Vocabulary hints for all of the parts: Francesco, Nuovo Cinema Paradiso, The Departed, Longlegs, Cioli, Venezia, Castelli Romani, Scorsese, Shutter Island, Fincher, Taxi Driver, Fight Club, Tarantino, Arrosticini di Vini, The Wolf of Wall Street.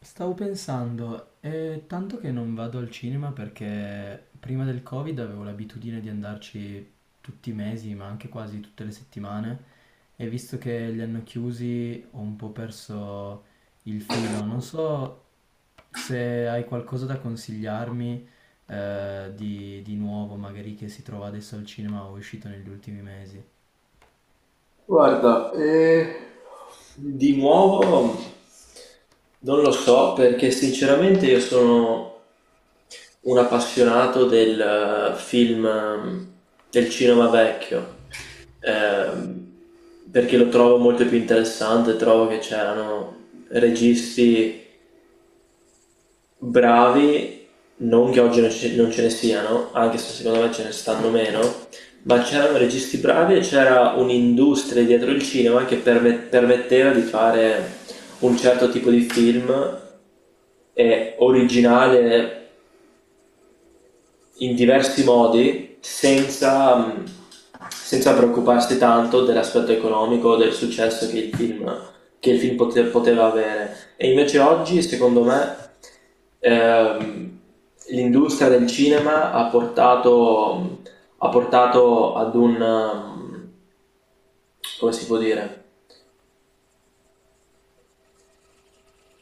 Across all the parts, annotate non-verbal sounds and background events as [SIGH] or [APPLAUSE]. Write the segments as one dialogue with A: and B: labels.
A: Stavo pensando, è tanto che non vado al cinema perché prima del Covid avevo l'abitudine di andarci tutti i mesi, ma anche quasi tutte le settimane, e visto che li hanno chiusi ho un po' perso il filo. Non so se hai qualcosa da consigliarmi di nuovo, magari che si trova adesso al cinema o è uscito negli ultimi mesi.
B: Guarda, di nuovo non lo so, perché sinceramente io sono un appassionato del eh, film, ehm, del cinema vecchio, ehm, perché lo trovo molto più interessante. Trovo che c'erano registi bravi, non che oggi non ce ne siano, anche se secondo me ce ne stanno meno, ma c'erano registi bravi e c'era un'industria dietro il cinema che permetteva di fare un certo tipo di film originale in diversi modi senza, senza preoccuparsi tanto dell'aspetto economico o del successo che che il film poteva avere. E invece oggi, secondo me, ehm, l'industria del cinema ha portato ad un, mm, come si può dire?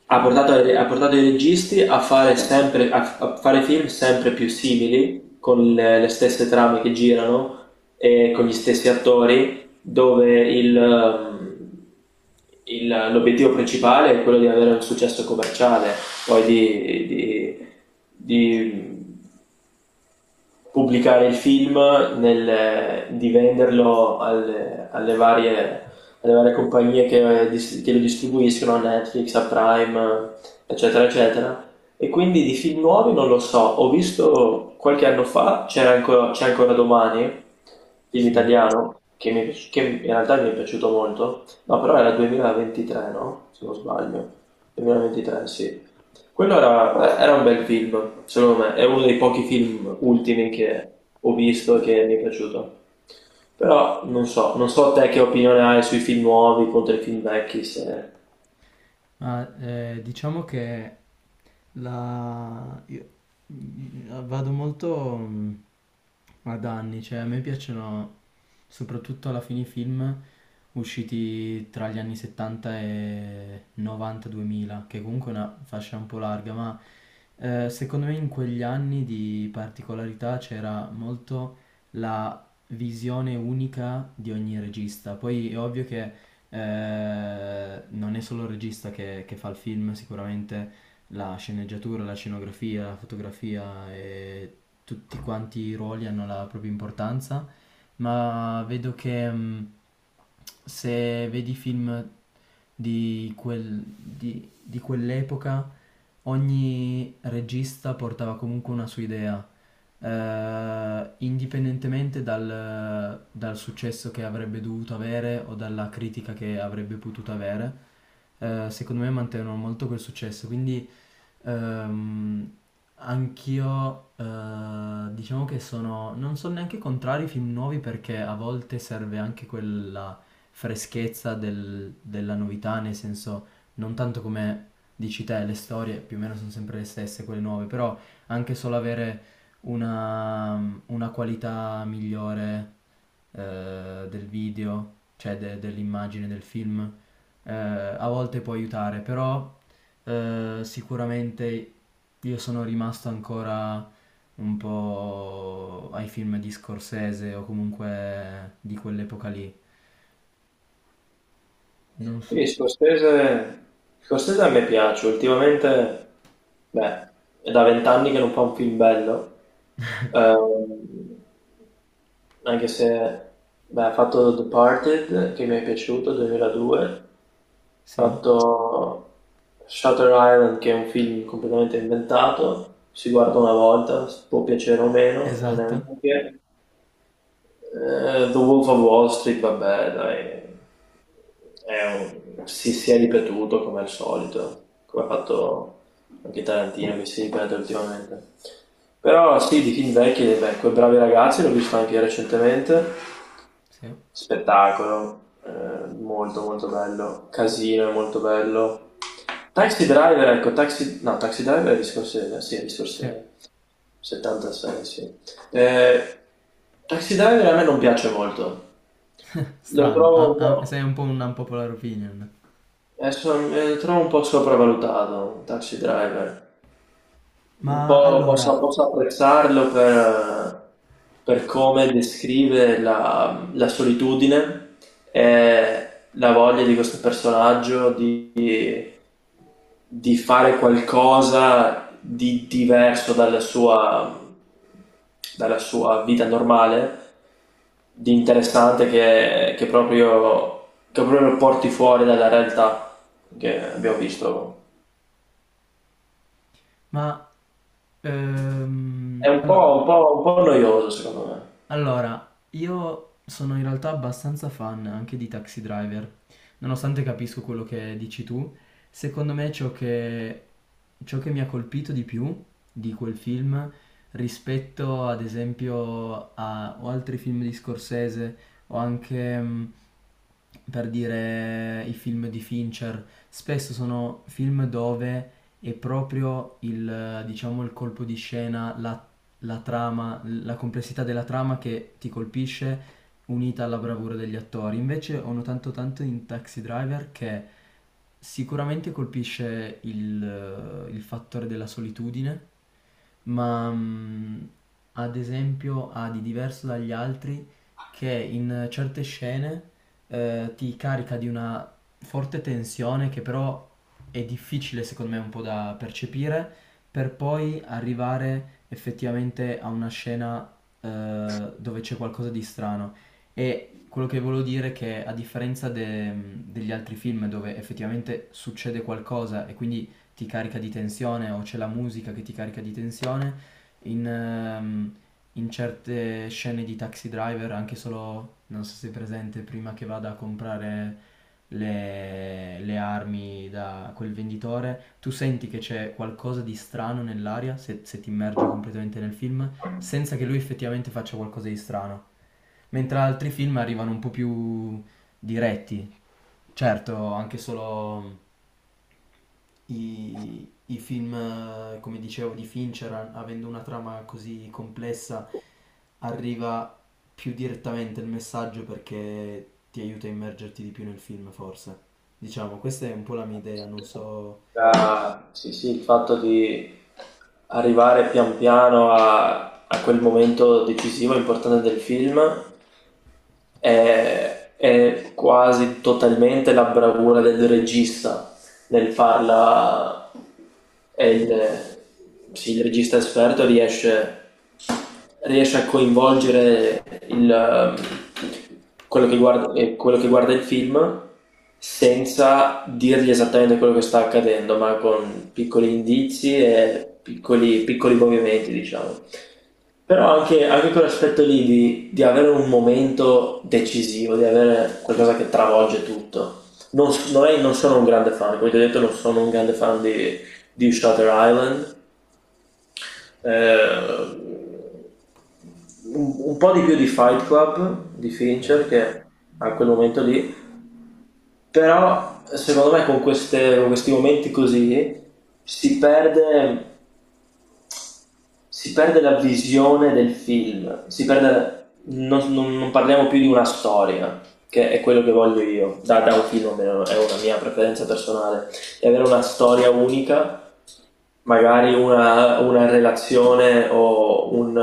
B: Ha portato i registi a a fare film sempre più simili, con le stesse trame che girano e con gli stessi attori, dove l'obiettivo principale è quello di avere un successo commerciale, poi di pubblicare il film, di venderlo alle varie compagnie che, che lo distribuiscono, a Netflix, a Prime, eccetera, eccetera. E quindi di film nuovi non lo so. Ho visto qualche anno fa, c'era ancora, c'è ancora domani, film
A: Sì.
B: italiano, che, che in realtà mi è piaciuto molto, no, però era 2023, no? Se non sbaglio, 2023, sì. Quello era, era un bel film, secondo me, è uno dei pochi film ultimi che ho visto e che mi è piaciuto. Però non so, non so te che opinione hai sui film nuovi contro i film vecchi. Se...
A: Diciamo che la... io- vado molto ad anni, cioè a me piacciono soprattutto alla fine i film usciti tra gli anni 70 e 90-2000, che comunque è una fascia un po' larga, ma secondo me in quegli anni di particolarità c'era molto la visione unica di ogni regista. Poi è ovvio che non è solo il regista che fa il film, sicuramente la sceneggiatura, la scenografia, la fotografia e tutti quanti i ruoli hanno la propria importanza, ma vedo che se vedi film di quell'epoca, ogni regista portava comunque una sua idea, indipendentemente dal successo che avrebbe dovuto avere o dalla critica che avrebbe potuto avere. Secondo me mantengono molto quel successo, quindi Ehm, anch'io diciamo che non sono neanche contrari ai film nuovi perché a volte serve anche quella freschezza della novità, nel senso non tanto come dici te, le storie più o meno sono sempre le stesse, quelle nuove, però anche solo avere una qualità migliore del video, cioè dell'immagine del film, a volte può aiutare, però sicuramente io sono rimasto ancora un po' ai film di Scorsese o comunque di quell'epoca lì. Non so.
B: Sì, Scorsese, Scorsese a me piace. Ultimamente, beh, è da vent'anni che non fa un film bello. Ehm, anche se, beh, ha fatto The Departed, che mi è piaciuto, 2002. Ho
A: Sì,
B: fatto Shutter Island, che è un film completamente inventato, si guarda una volta, può piacere o meno, non è un
A: esatto.
B: granché. The Wolf of Wall Street, vabbè, dai, è un- si è ripetuto come al solito, come ha fatto anche Tarantino, che si ripete ultimamente. Però sì, di film vecchi, beh, Quei bravi ragazzi l'ho visto anche recentemente.
A: Sì,
B: Spettacolo, molto molto bello. Casino è molto bello. Taxi Driver, ecco, Taxi... No, Taxi Driver è di Scorsese, sì, è di
A: sì.
B: Scorsese. 76, sì. Eh, Taxi Driver a me non piace molto.
A: [LAUGHS]
B: Lo
A: Strano,
B: trovo
A: ah,
B: un
A: ah,
B: po',
A: sei un po' un unpopular opinion.
B: lo trovo un po' sopravvalutato, Taxi Driver. Un
A: Ma
B: po'
A: allora,
B: posso, posso apprezzarlo per come descrive la solitudine e la voglia di questo personaggio di fare qualcosa di diverso dalla sua vita normale, di interessante che, che proprio lo porti fuori dalla realtà che abbiamo visto.
A: ma
B: È
A: ehm,
B: un
A: allo-
B: po', un po', un po' noioso, secondo me.
A: Allora, io sono in realtà abbastanza fan anche di Taxi Driver, nonostante capisco quello che dici tu. Secondo me ciò che mi ha colpito di più di quel film rispetto ad esempio a o altri film di Scorsese o anche per dire i film di Fincher, spesso sono film dove è proprio il, diciamo, il colpo di scena, la trama, la complessità della trama che ti colpisce unita alla bravura degli attori. Invece ho notato tanto in Taxi Driver che sicuramente colpisce il fattore della solitudine, ma ad esempio ha di diverso dagli altri che in certe scene ti carica di una forte tensione che però è difficile secondo me un po' da percepire per poi arrivare effettivamente a una scena dove c'è qualcosa di strano. E quello che volevo dire è che a differenza degli altri film dove effettivamente succede qualcosa e quindi ti carica di tensione o c'è la musica che ti carica di tensione, in, ehm, in certe scene di Taxi Driver, anche solo, non so se è presente, prima che vada a comprare le armi da quel venditore, tu senti che c'è qualcosa di strano nell'aria, se ti immergi completamente nel film, senza che lui effettivamente faccia qualcosa di strano. Mentre altri film arrivano un po' più diretti. Certo, anche solo i film, come dicevo, di Fincher, avendo una trama così complessa, arriva più direttamente il messaggio perché ti aiuta a immergerti di più nel film, forse. Diciamo, questa è un po' la mia idea, non so...
B: Ah, sì, sì, il fatto di arrivare pian piano a quel momento decisivo e importante del film è quasi totalmente la bravura del regista nel farla e il, sì, il regista esperto riesce, riesce a coinvolgere il, quello che guarda il film senza dirgli esattamente quello che sta accadendo, ma con piccoli indizi e piccoli movimenti, diciamo. Però anche, anche quell'aspetto lì di avere un momento decisivo, di avere qualcosa che travolge tutto. Non, s- non è- Non sono un grande fan, come ti ho detto, non sono un grande fan di Shutter Island. Eh, un po' di più di Fight Club, di
A: Ok.
B: Fincher, che a quel momento lì. Però secondo me con con questi momenti così si perde. Si perde la visione del film, si perde, non parliamo più di una storia, che è quello che voglio io, da un film, almeno è una mia preferenza personale, di avere una storia unica, magari una relazione o un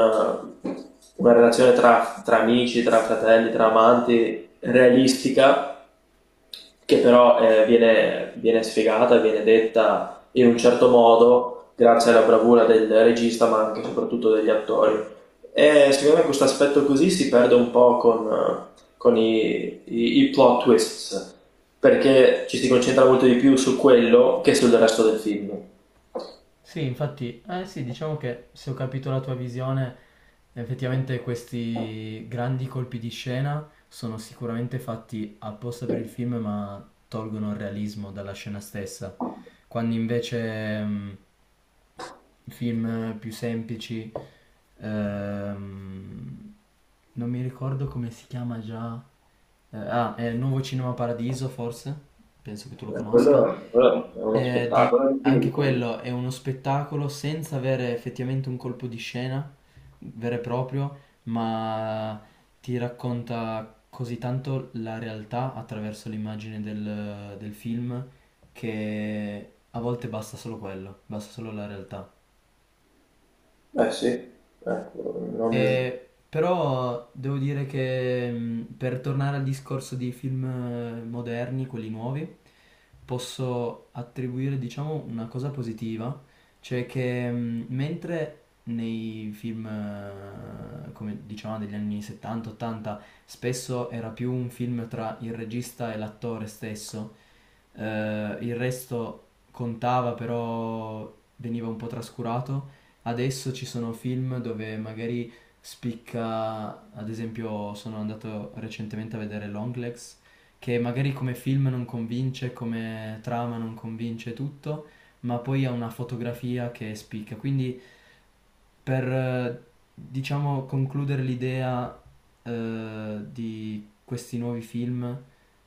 B: una relazione tra amici, tra fratelli, tra amanti realistica, che però, viene, viene sfegata, viene detta in un certo modo, grazie alla bravura del regista, ma anche e soprattutto degli attori. E secondo me questo aspetto così si perde un po' con i plot twists, perché ci si concentra molto di più su quello che sul resto del film.
A: Sì, infatti, eh sì, diciamo che se ho capito la tua visione, effettivamente questi grandi colpi di scena sono sicuramente fatti apposta per il film, ma tolgono il realismo dalla scena stessa. Quando invece film più semplici, ehm, non mi ricordo come si chiama già. Ah, è Nuovo Cinema Paradiso, forse? Penso che tu lo conosca.
B: Quello, quello è uno
A: Eh, di-
B: spettacolo di
A: Anche
B: film, quello.
A: quello è uno spettacolo senza avere effettivamente un colpo di scena vero e proprio, ma ti racconta così tanto la realtà attraverso l'immagine del film che a volte basta solo quello, basta solo la realtà.
B: Eh sì, ecco, non...
A: Però devo dire che per tornare al discorso di film moderni, quelli nuovi, posso attribuire, diciamo, una cosa positiva, cioè che mentre nei film, come diciamo, degli anni 70-80, spesso era più un film tra il regista e l'attore stesso, il resto contava, però veniva un po' trascurato. Adesso ci sono film dove magari spicca, ad esempio sono andato recentemente a vedere Longlegs, che magari come film non convince, come trama non convince tutto, ma poi ha una fotografia che spicca, quindi per, diciamo, concludere l'idea di questi nuovi film,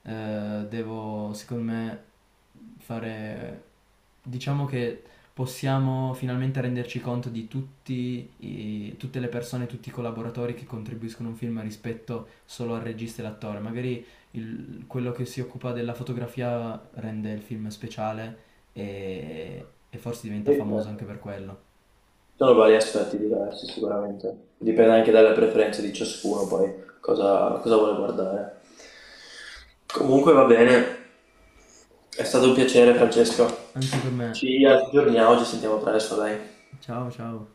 A: devo, secondo me, fare... Diciamo che possiamo finalmente renderci conto di tutti tutte le persone, tutti i collaboratori che contribuiscono a un film rispetto solo al regista e all'attore. Magari quello che si occupa della fotografia rende il film speciale e forse diventa
B: Sì,
A: famoso anche
B: certo.
A: per quello.
B: Sono vari aspetti diversi sicuramente, dipende anche dalle preferenze di ciascuno, poi cosa, cosa vuole guardare. Comunque va bene, è stato un piacere, Francesco,
A: Anche per me.
B: ci aggiorniamo, ci sentiamo presto, dai.
A: Ciao, ciao.